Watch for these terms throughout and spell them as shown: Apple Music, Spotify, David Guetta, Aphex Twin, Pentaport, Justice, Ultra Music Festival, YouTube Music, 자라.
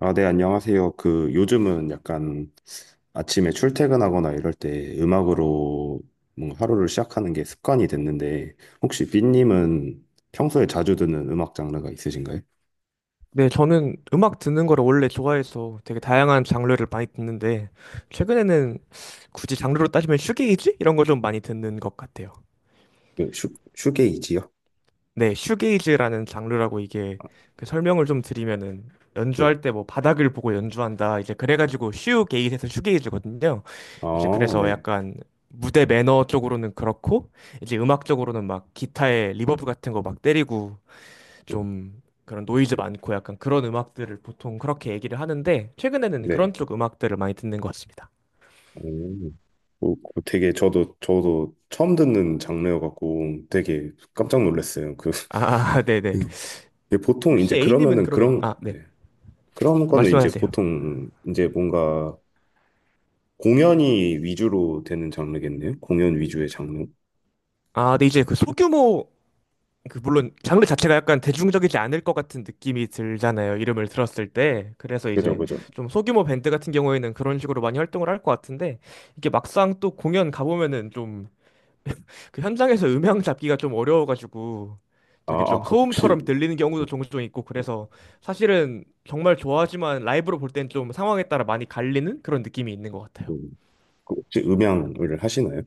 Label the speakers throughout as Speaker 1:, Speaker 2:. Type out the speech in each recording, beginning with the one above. Speaker 1: 아, 네, 안녕하세요. 그, 요즘은 약간 아침에 출퇴근하거나 이럴 때 음악으로 뭔가 하루를 시작하는 게 습관이 됐는데, 혹시 삐님은 평소에 자주 듣는 음악 장르가 있으신가요?
Speaker 2: 네, 저는 음악 듣는 거를 원래 좋아해서 되게 다양한 장르를 많이 듣는데, 최근에는 굳이 장르로 따지면 슈게이즈? 이런 거 좀 많이 듣는 것 같아요.
Speaker 1: 네, 슈게이지요?
Speaker 2: 네, 슈게이즈라는 장르라고 이게 그 설명을 좀 드리면은,
Speaker 1: 네.
Speaker 2: 연주할 때 뭐 바닥을 보고 연주한다. 이제 그래가지고 슈게이즈에서 슈게이즈거든요. 이제
Speaker 1: 아,
Speaker 2: 그래서
Speaker 1: 네.
Speaker 2: 약간 무대 매너 쪽으로는 그렇고, 이제 음악적으로는 막 기타에 리버브 같은 거 막 때리고, 좀 그런 노이즈 많고 약간 그런 음악들을 보통 그렇게 얘기를 하는데 최근에는
Speaker 1: 네.
Speaker 2: 그런 쪽 음악들을 많이 듣는 것 같습니다.
Speaker 1: 음. 그 되게 저도 처음 듣는 장르여갖고 되게 깜짝 놀랐어요. 그,
Speaker 2: 아, 네네.
Speaker 1: 이게 보통 이제
Speaker 2: 혹시 A님은
Speaker 1: 그러면은
Speaker 2: 그러면
Speaker 1: 그런,
Speaker 2: 아, 네.
Speaker 1: 네. 그런 거는 이제
Speaker 2: 말씀하세요.
Speaker 1: 보통 이제 뭔가 공연이 위주로 되는 장르겠네요. 공연 위주의 장르.
Speaker 2: 아, 네 이제 그 소규모 그 물론 장르 자체가 약간 대중적이지 않을 것 같은 느낌이 들잖아요. 이름을 들었을 때. 그래서
Speaker 1: 그죠,
Speaker 2: 이제
Speaker 1: 그죠.
Speaker 2: 좀 소규모 밴드 같은 경우에는 그런 식으로 많이 활동을 할 것 같은데 이게 막상 또 공연 가보면은 좀 그 현장에서 음향 잡기가 좀 어려워가지고
Speaker 1: 아,
Speaker 2: 되게
Speaker 1: 아,
Speaker 2: 좀 소음처럼 들리는
Speaker 1: 음,
Speaker 2: 경우도 종종 있고 그래서 사실은 정말 좋아하지만 라이브로 볼 땐 좀 상황에 따라 많이 갈리는 그런 느낌이 있는 것 같아요.
Speaker 1: 음, 그 혹시 음향을 하시나요?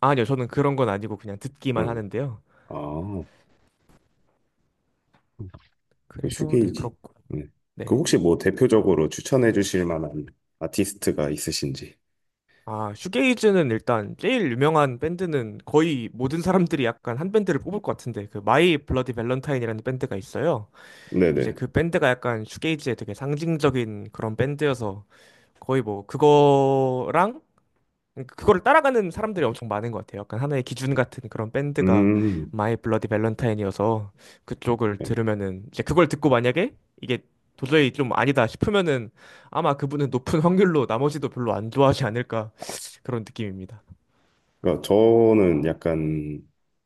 Speaker 2: 아, 아니요, 저는 그런 건 아니고 그냥 듣기만
Speaker 1: 응.
Speaker 2: 하는데요.
Speaker 1: 아, 그
Speaker 2: 그래서 네,
Speaker 1: 슈게이지.
Speaker 2: 그렇고.
Speaker 1: 네. 그
Speaker 2: 네.
Speaker 1: 혹시 뭐 대표적으로 추천해 주실 만한 아티스트가 있으신지.
Speaker 2: 아, 슈게이즈는 일단 제일 유명한 밴드는 거의 모든 사람들이 약간 한 밴드를 뽑을 것 같은데 그 마이 블러디 밸런타인이라는 밴드가 있어요. 이제
Speaker 1: 네네.
Speaker 2: 그 밴드가 약간 슈게이지의 되게 상징적인 그런 밴드여서 거의 뭐 그거랑 그거를 따라가는 사람들이 엄청 많은 것 같아요. 약간 하나의 기준 같은 그런 밴드가
Speaker 1: 음.
Speaker 2: 마이 블러디 밸런타인이어서 그쪽을
Speaker 1: 네.
Speaker 2: 들으면은 이제 그걸 듣고 만약에 이게 도저히 좀 아니다 싶으면은 아마 그분은 높은 확률로 나머지도 별로 안 좋아하지 않을까 그런 느낌입니다.
Speaker 1: 그러니까 저는 약간,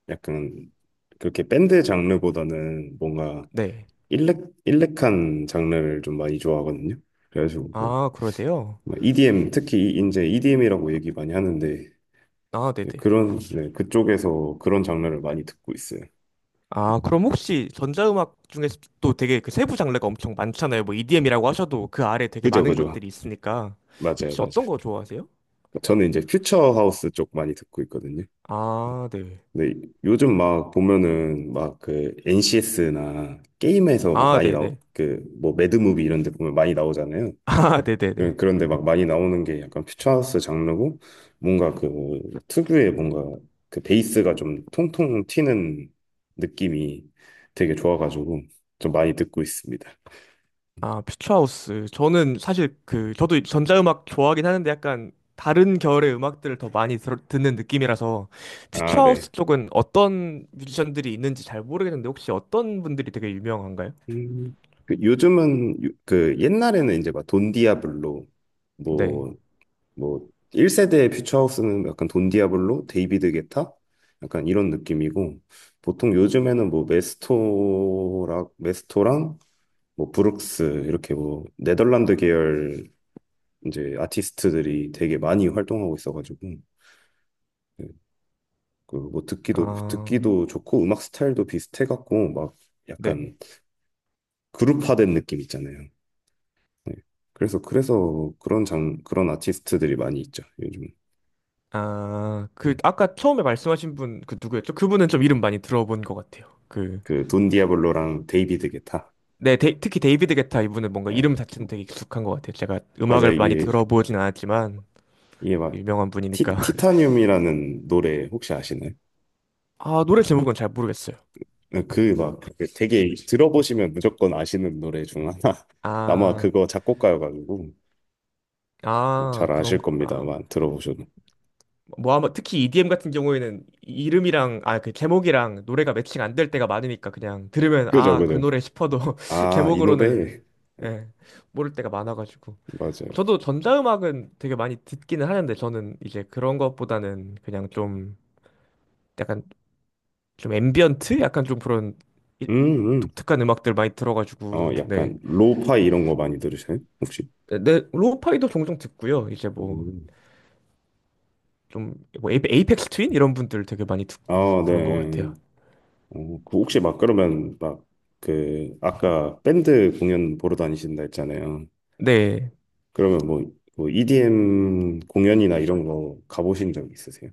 Speaker 1: 약간, 그렇게 밴드 장르보다는 뭔가
Speaker 2: 네.
Speaker 1: 일렉, 일렉한 장르를 좀 많이 좋아하거든요. 그래가지고 뭐
Speaker 2: 아, 그러세요?
Speaker 1: 뭐 EDM 특히 이제 EDM이라고 얘기 많이 하는데
Speaker 2: 아,
Speaker 1: 이제
Speaker 2: 네네.
Speaker 1: 그런, 네, 그쪽에서 그런 장르를 많이 듣고 있어요.
Speaker 2: 아, 그럼 혹시 전자음악 중에서 또 되게 그 세부 장르가 엄청 많잖아요. 뭐 EDM이라고 하셔도 그 아래 되게
Speaker 1: 그죠,
Speaker 2: 많은
Speaker 1: 그죠.
Speaker 2: 것들이 있으니까.
Speaker 1: 맞아요,
Speaker 2: 혹시
Speaker 1: 맞아요.
Speaker 2: 어떤 거 좋아하세요?
Speaker 1: 저는 이제 퓨처 하우스 쪽 많이 듣고 있거든요.
Speaker 2: 아, 네.
Speaker 1: 근데 요즘 막 보면은 막 그 NCS나 게임에서 막
Speaker 2: 아,
Speaker 1: 많이 나오
Speaker 2: 네네.
Speaker 1: 그뭐 매드무비 이런 데 보면 많이 나오잖아요.
Speaker 2: 아, 네네네.
Speaker 1: 그런데 막 많이 나오는 게 약간 퓨처하우스 장르고, 뭔가 그 특유의 뭔가 그 베이스가 좀 통통 튀는 느낌이 되게 좋아가지고 좀 많이 듣고 있습니다.
Speaker 2: 아, 퓨처하우스. 저는 사실 그, 저도 전자음악 좋아하긴 하는데 약간 다른 결의 음악들을 더 많이 듣는 느낌이라서
Speaker 1: 아, 네.
Speaker 2: 퓨처하우스 쪽은 어떤 뮤지션들이 있는지 잘 모르겠는데 혹시 어떤 분들이 되게 유명한가요?
Speaker 1: 음, 그 요즘은 그 옛날에는 이제 막 돈디아블로,
Speaker 2: 네.
Speaker 1: 뭐 뭐 1세대 퓨처하우스는 약간 돈디아블로, 데이비드 게타 약간 이런 느낌이고, 보통 요즘에는 뭐 메스토랑 뭐 브룩스, 이렇게 뭐 네덜란드 계열 이제 아티스트들이 되게 많이 활동하고 있어가지고, 그뭐 듣기도
Speaker 2: 아,
Speaker 1: 듣기도 좋고 음악 스타일도 비슷해갖고 막
Speaker 2: 네. 네.
Speaker 1: 약간 그룹화된 느낌 있잖아요. 네. 그래서 그런 장 그런 아티스트들이 많이 있죠 요즘.
Speaker 2: 아, 그
Speaker 1: 음.
Speaker 2: 아까 처음에 말씀하신 분 그 누구였죠? 그분은 좀 이름 많이 들어본 것 같아요. 그
Speaker 1: 그돈 디아블로랑 데이비드 게타.
Speaker 2: 네, 특히 데이비드 게타 이분은 뭔가
Speaker 1: 예.
Speaker 2: 이름 자체는 되게 익숙한 것 같아요. 제가
Speaker 1: 맞아,
Speaker 2: 음악을 많이
Speaker 1: 이게
Speaker 2: 들어보진 않았지만
Speaker 1: 이게 막
Speaker 2: 유명한 분이니까.
Speaker 1: 타늄이라는 노래 혹시 아시나요?
Speaker 2: 아, 노래 제목은 잘 모르겠어요.
Speaker 1: 네, 그막 되게 들어보시면 무조건 아시는 노래 중 하나. 아마
Speaker 2: 아,
Speaker 1: 그거 작곡가여가지고 뭐
Speaker 2: 아,
Speaker 1: 잘
Speaker 2: 그런
Speaker 1: 아실
Speaker 2: 아,
Speaker 1: 겁니다만 들어보셔도.
Speaker 2: 뭐 아마 특히 EDM 같은 경우에는 이름이랑 아, 그 제목이랑 노래가 매칭 안 될 때가 많으니까 그냥 들으면
Speaker 1: 그죠,
Speaker 2: 아, 그
Speaker 1: 그죠.
Speaker 2: 노래 싶어도
Speaker 1: 아, 이
Speaker 2: 제목으로는
Speaker 1: 노래. 네,
Speaker 2: 예, 모를 때가 많아가지고.
Speaker 1: 맞아요.
Speaker 2: 저도 전자음악은 되게 많이 듣기는 하는데 저는 이제 그런 것보다는 그냥 좀 약간 좀 앰비언트? 약간 좀 그런 이-
Speaker 1: 음, 음.
Speaker 2: 독특한 음악들 많이 들어가지고
Speaker 1: 어,
Speaker 2: 네.
Speaker 1: 약간 로파 이런 거 많이 들으세요? 혹시?
Speaker 2: 네, 네, 로우파이도 종종 듣고요. 이제 뭐
Speaker 1: 음.
Speaker 2: 좀 뭐 에이펙스 트윈 이런 분들 되게 많이 듣고
Speaker 1: 아,
Speaker 2: 그런 것
Speaker 1: 네.
Speaker 2: 같아요.
Speaker 1: 어, 그 혹시 막 그러면 막 그 아까 밴드 공연 보러 다니신다 했잖아요.
Speaker 2: 네.
Speaker 1: 그러면 뭐 EDM 공연이나 이런 거 가보신 적 있으세요?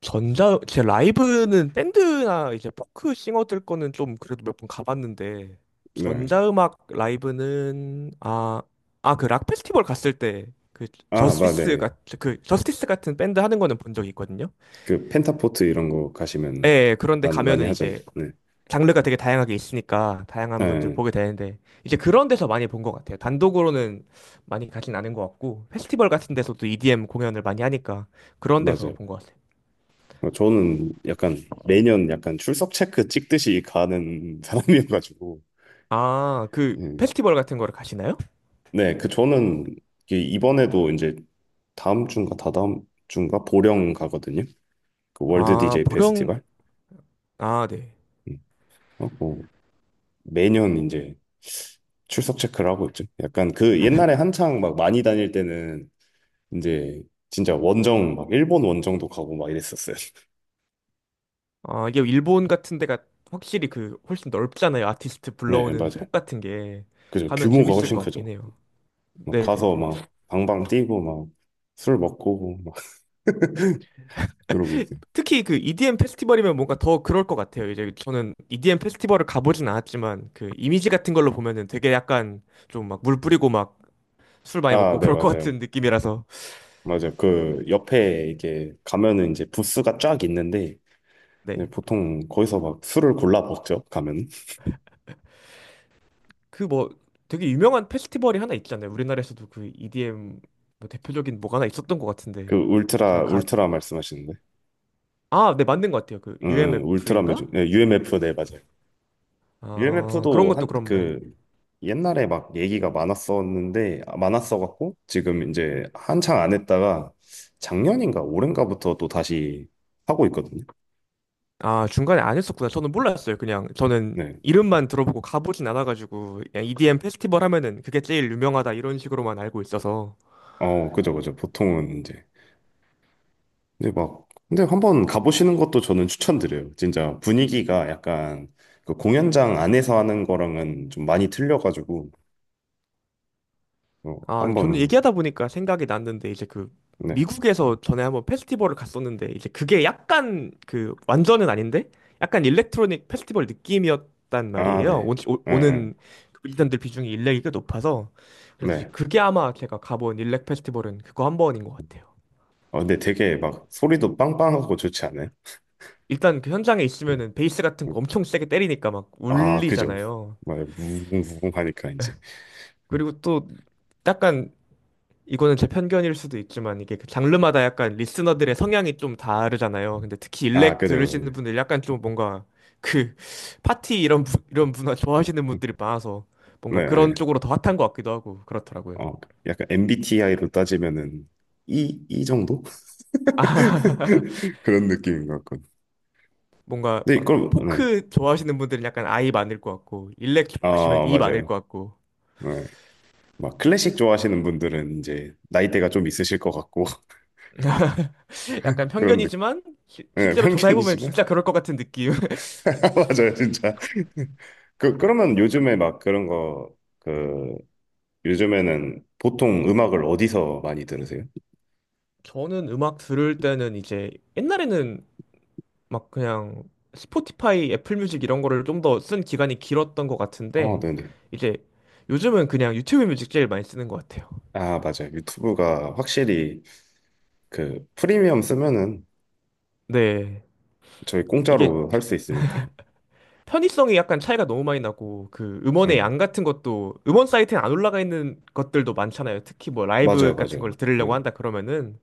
Speaker 2: 전자 제 라이브는 밴드나 이제 포크 싱어들 거는 좀 그래도 몇 번 가봤는데
Speaker 1: 네.
Speaker 2: 전자음악 라이브는 그 락 페스티벌 갔을 때 그
Speaker 1: 아,
Speaker 2: 저스티스
Speaker 1: 맞네.
Speaker 2: 같은 그 저스티스 같은 밴드 하는 거는 본 적이 있거든요.
Speaker 1: 그 펜타포트 이런 거
Speaker 2: 예,
Speaker 1: 가시면
Speaker 2: 예, 그런데
Speaker 1: 많이
Speaker 2: 가면은
Speaker 1: 하잖아요.
Speaker 2: 이제
Speaker 1: 네.
Speaker 2: 장르가 되게 다양하게 있으니까 다양한 분들
Speaker 1: 네,
Speaker 2: 보게 되는데 이제 그런 데서 많이 본 것 같아요. 단독으로는 많이 가진 않은 것 같고 페스티벌 같은 데서도 EDM 공연을 많이 하니까 그런 데서
Speaker 1: 맞아요.
Speaker 2: 본 것 같아요.
Speaker 1: 어, 저는 약간 매년 약간 출석 체크 찍듯이 가는 사람이어가지고.
Speaker 2: 아, 그
Speaker 1: 네,
Speaker 2: 페스티벌 같은 거를 가시나요?
Speaker 1: 네, 그 저는 이게 이번에도 이제 다음 주인가 다다음 주인가 보령 가거든요. 그 월드
Speaker 2: 아,
Speaker 1: DJ
Speaker 2: 보령,
Speaker 1: 페스티벌.
Speaker 2: 아, 네.
Speaker 1: 음, 하고 매년 이제 출석 체크를 하고 있죠. 약간 그 옛날에 한창 막 많이 다닐 때는 이제 진짜 원정 막 일본 원정도 가고 막 이랬었어요.
Speaker 2: 아, 이게 일본 같은 데가 확실히 그 훨씬 넓잖아요. 아티스트
Speaker 1: 네,
Speaker 2: 불러오는
Speaker 1: 맞아요.
Speaker 2: 폭 같은 게.
Speaker 1: 그죠.
Speaker 2: 가면
Speaker 1: 규모가
Speaker 2: 재밌을
Speaker 1: 훨씬
Speaker 2: 것 같긴
Speaker 1: 크죠.
Speaker 2: 해요.
Speaker 1: 막
Speaker 2: 네네네.
Speaker 1: 가서 막 방방 뛰고 막 술 먹고 막 그러고 있어요.
Speaker 2: 특히 그 EDM 페스티벌이면 뭔가 더 그럴 것 같아요. 이제 저는 EDM 페스티벌을 가보진 않았지만 그 이미지 같은 걸로 보면은 되게 약간 좀 막 물 뿌리고 막 술 많이
Speaker 1: 아,
Speaker 2: 먹고
Speaker 1: 네,
Speaker 2: 그럴 것
Speaker 1: 맞아요.
Speaker 2: 같은 느낌이라서.
Speaker 1: 맞아요. 그 옆에 이게 가면은 이제 부스가 쫙 있는데 이제
Speaker 2: 네.
Speaker 1: 보통 거기서 막 술을 골라 먹죠, 가면.
Speaker 2: 그 뭐 되게 유명한 페스티벌이 하나 있잖아요. 우리나라에서도 그 EDM 뭐 대표적인 뭐가 하나 있었던 것
Speaker 1: 그
Speaker 2: 같은데. 제가
Speaker 1: 울트라,
Speaker 2: 가
Speaker 1: 울트라 말씀하시는데.
Speaker 2: 아, 네, 맞는 것 같아요. 그
Speaker 1: 응, 응, 울트라
Speaker 2: UMF인가?
Speaker 1: 뮤직. 네, UMF. 네, 맞아요.
Speaker 2: 아, 그런
Speaker 1: UMF도
Speaker 2: 것도
Speaker 1: 한
Speaker 2: 그런 말
Speaker 1: 그 옛날에 막 얘기가 많았었는데, 아, 많았어갖고 지금 이제 한창 안 했다가 작년인가 올해인가부터 또 다시 하고 있거든요.
Speaker 2: 아, 중간에 안 했었구나. 저는 몰랐어요. 그냥 저는
Speaker 1: 네.
Speaker 2: 이름만 들어보고 가보진 않아가지고 그냥 EDM 페스티벌 하면은 그게 제일 유명하다 이런 식으로만 알고 있어서.
Speaker 1: 어, 그죠, 그죠. 보통은 이제. 근데 한번 가보시는 것도 저는 추천드려요. 진짜 분위기가 약간 그 공연장 안에서 하는 거랑은 좀 많이 틀려가지고, 어,
Speaker 2: 아, 네, 저는
Speaker 1: 한번,
Speaker 2: 얘기하다 보니까 생각이 났는데 이제 그
Speaker 1: 네.
Speaker 2: 미국에서 전에 한번 페스티벌을 갔었는데 이제 그게 약간 그 완전은 아닌데 약간 일렉트로닉 페스티벌 느낌이었단
Speaker 1: 아,
Speaker 2: 말이에요.
Speaker 1: 네.
Speaker 2: 오,
Speaker 1: 네, 네.
Speaker 2: 는 일단들 비중이 일렉이 꽤 높아서 그래서 이제
Speaker 1: 네.
Speaker 2: 그게 아마 제가 가본 일렉 페스티벌은 그거 한 번인 것 같아요.
Speaker 1: 어, 근데 되게 막 소리도 빵빵하고 좋지 않아요?
Speaker 2: 일단 그 현장에
Speaker 1: 음,
Speaker 2: 있으면은 베이스 같은
Speaker 1: 음.
Speaker 2: 거 엄청 세게 때리니까 막
Speaker 1: 아, 그죠.
Speaker 2: 울리잖아요.
Speaker 1: 막 무궁무궁 하니까 이제. 음.
Speaker 2: 그리고 또 약간 이거는 제 편견일 수도 있지만 이게 그 장르마다 약간 리스너들의 성향이 좀 다르잖아요. 근데 특히
Speaker 1: 아,
Speaker 2: 일렉
Speaker 1: 그죠. 그죠.
Speaker 2: 들으시는 분들 약간 좀 뭔가 그 파티 이런 이런 문화 좋아하시는 분들이 많아서
Speaker 1: 네.
Speaker 2: 뭔가 그런
Speaker 1: 예.
Speaker 2: 쪽으로 더 핫한 것 같기도 하고 그렇더라고요.
Speaker 1: 어, 약간 MBTI로 따지면은 E, E 정도? 그런 느낌인 것 같고.
Speaker 2: 뭔가
Speaker 1: 네,
Speaker 2: 막
Speaker 1: 이걸, 네.
Speaker 2: 포크 좋아하시는 분들은 약간 아이 많을 것 같고 일렉
Speaker 1: 아,
Speaker 2: 좋아하시면 이 많을
Speaker 1: 맞아요.
Speaker 2: 것 같고
Speaker 1: 네. 막 클래식 좋아하시는 분들은 이제 나이대가 좀 있으실 것 같고,
Speaker 2: 약간
Speaker 1: 그런 느
Speaker 2: 편견이지만
Speaker 1: 네,
Speaker 2: 실제로 조사해보면
Speaker 1: 편견이지만.
Speaker 2: 진짜 그럴 것 같은 느낌.
Speaker 1: 맞아요, 진짜. 그러면 요즘에 요즘에는 보통 음악을 어디서 많이 들으세요?
Speaker 2: 저는 음악 들을 때는 이제 옛날에는 막 그냥 스포티파이, 애플 뮤직 이런 거를 좀 더 쓴 기간이 길었던 것
Speaker 1: 어,
Speaker 2: 같은데
Speaker 1: 네네.
Speaker 2: 이제 요즘은 그냥 유튜브 뮤직 제일 많이 쓰는 것 같아요.
Speaker 1: 아, 맞아요. 유튜브가 확실히 그 프리미엄 쓰면은
Speaker 2: 네.
Speaker 1: 저희
Speaker 2: 이게
Speaker 1: 공짜로 할
Speaker 2: 편-
Speaker 1: 수 있으니까.
Speaker 2: 편의성이 약간 차이가 너무 많이 나고 그 음원의
Speaker 1: 응.
Speaker 2: 양 같은 것도 음원 사이트에 안 올라가 있는 것들도 많잖아요. 특히 뭐
Speaker 1: 맞아요,
Speaker 2: 라이브 같은
Speaker 1: 맞아요.
Speaker 2: 걸
Speaker 1: 네,
Speaker 2: 들으려고 한다 그러면은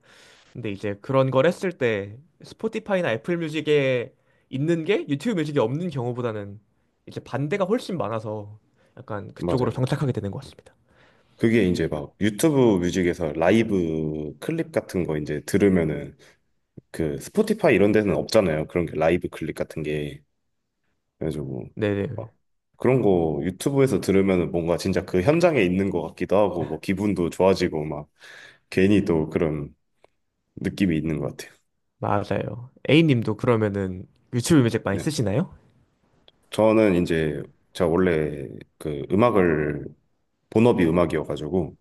Speaker 2: 근데 이제 그런 걸 했을 때 스포티파이나 애플 뮤직에 있는 게 유튜브 뮤직에 없는 경우보다는 이제 반대가 훨씬 많아서 약간 그쪽으로
Speaker 1: 맞아요.
Speaker 2: 정착하게 되는 것 같습니다.
Speaker 1: 그게 이제 막 유튜브 뮤직에서 라이브 클립 같은 거 이제 들으면은 그 스포티파이 이런 데는 없잖아요, 그런 게 라이브 클립 같은 게. 그래가지고 뭐
Speaker 2: 네네.
Speaker 1: 막 그런 거 유튜브에서 들으면은 뭔가 진짜 그 현장에 있는 것 같기도 하고 뭐 기분도 좋아지고 막 괜히 또 그런 느낌이 있는 것 같아요.
Speaker 2: 맞아요. A님도 그러면은 유튜브 뮤직 많이
Speaker 1: 네.
Speaker 2: 쓰시나요?
Speaker 1: 저는 이제 제가 원래 그 음악을, 본업이 음악이어가지고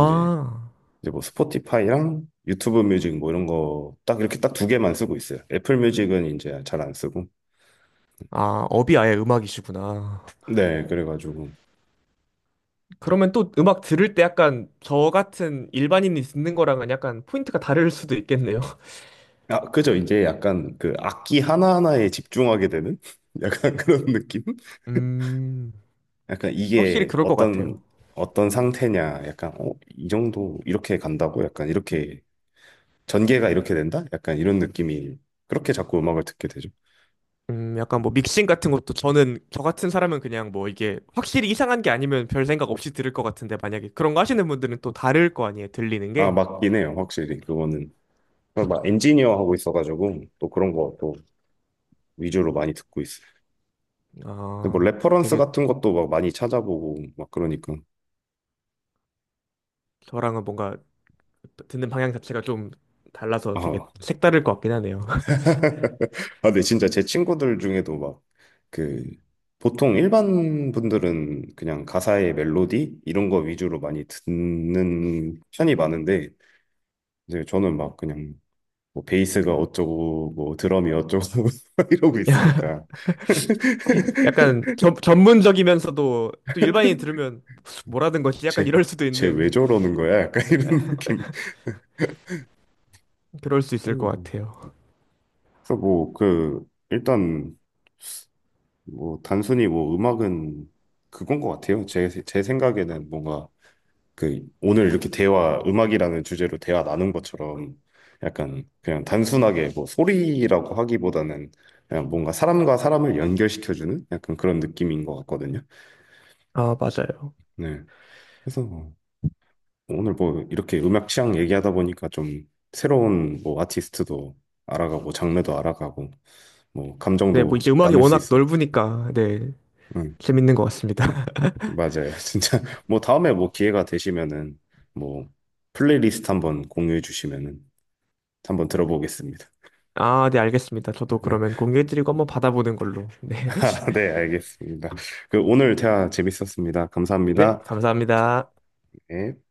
Speaker 1: 이제 뭐 스포티파이랑 유튜브 뮤직 뭐 이런 거 딱 이렇게 딱 두 개만 쓰고 있어요. 애플 뮤직은 이제 잘 안 쓰고.
Speaker 2: 아, 업이 아예 음악이시구나.
Speaker 1: 네, 그래가지고.
Speaker 2: 그러면 또 음악 들을 때 약간 저 같은 일반인이 듣는 거랑은 약간 포인트가 다를 수도 있겠네요.
Speaker 1: 아, 그죠. 이제 약간 그 악기 하나하나에 집중하게 되는 약간 그런 느낌?
Speaker 2: 음,
Speaker 1: 약간
Speaker 2: 확실히
Speaker 1: 이게
Speaker 2: 그럴 것 같아요.
Speaker 1: 어떤 상태냐. 약간, 어, 이 정도 이렇게 간다고? 약간 이렇게 전개가 이렇게 된다? 약간 이런 느낌이 그렇게 자꾸 음악을 듣게 되죠.
Speaker 2: 약간 뭐 믹싱 같은 것도 저는 저 같은 사람은 그냥 뭐 이게 확실히 이상한 게 아니면 별 생각 없이 들을 것 같은데 만약에 그런 거 하시는 분들은 또 다를 거 아니에요, 들리는
Speaker 1: 아,
Speaker 2: 게.
Speaker 1: 맞긴 해요. 확실히. 그거는. 막 엔지니어 하고 있어가지고 또 그런 거 또 위주로 많이 듣고 있어요. 근데 뭐
Speaker 2: 아,
Speaker 1: 레퍼런스
Speaker 2: 되게
Speaker 1: 같은 것도 막 많이 찾아보고 막 그러니까.
Speaker 2: 저랑은 뭔가 듣는 방향 자체가 좀 달라서 되게
Speaker 1: 아,
Speaker 2: 색다를 것 같긴 하네요.
Speaker 1: 아, 근데 진짜 제 친구들 중에도 막 그 보통 일반 분들은 그냥 가사의 멜로디 이런 거 위주로 많이 듣는 편이 많은데 이제 저는 막 그냥 뭐 베이스가 어쩌고 뭐 드럼이 어쩌고 이러고 있으니까
Speaker 2: 약간 전 전문적이면서도 또 일반인이 들으면 뭐라는 거지? 약간 이럴 수도
Speaker 1: 쟤쟤
Speaker 2: 있는
Speaker 1: 왜 저러는 거야? 약간 이런 느낌.
Speaker 2: 그럴 수 있을 것
Speaker 1: 음,
Speaker 2: 같아요.
Speaker 1: 그래서 뭐 그 일단 뭐 단순히 뭐 음악은 그건 것 같아요. 제 생각에는 뭔가 그 오늘 이렇게 대화, 음악이라는 주제로 대화 나눈 것처럼 약간 그냥 단순하게 뭐 소리라고 하기보다는 그냥 뭔가 사람과 사람을 연결시켜주는 약간 그런 느낌인 것 같거든요.
Speaker 2: 아, 맞아요.
Speaker 1: 네. 그래서 뭐 오늘 뭐 이렇게 음악 취향 얘기하다 보니까 좀 새로운 뭐 아티스트도 알아가고 장르도 알아가고 뭐
Speaker 2: 네, 뭐
Speaker 1: 감정도
Speaker 2: 이제 음악이
Speaker 1: 나눌 수
Speaker 2: 워낙
Speaker 1: 있어.
Speaker 2: 넓으니까 네,
Speaker 1: 응.
Speaker 2: 재밌는 것 같습니다.
Speaker 1: 맞아요. 진짜 뭐 다음에 뭐 기회가 되시면은 뭐 플레이리스트 한번 공유해 주시면은 한번 들어보겠습니다.
Speaker 2: 아, 네, 알겠습니다. 저도 그러면 공개해드리고 한번 받아보는 걸로. 네,
Speaker 1: 네, 알겠습니다. 그 오늘 대화 재밌었습니다.
Speaker 2: 네,
Speaker 1: 감사합니다.
Speaker 2: 감사합니다.
Speaker 1: 네.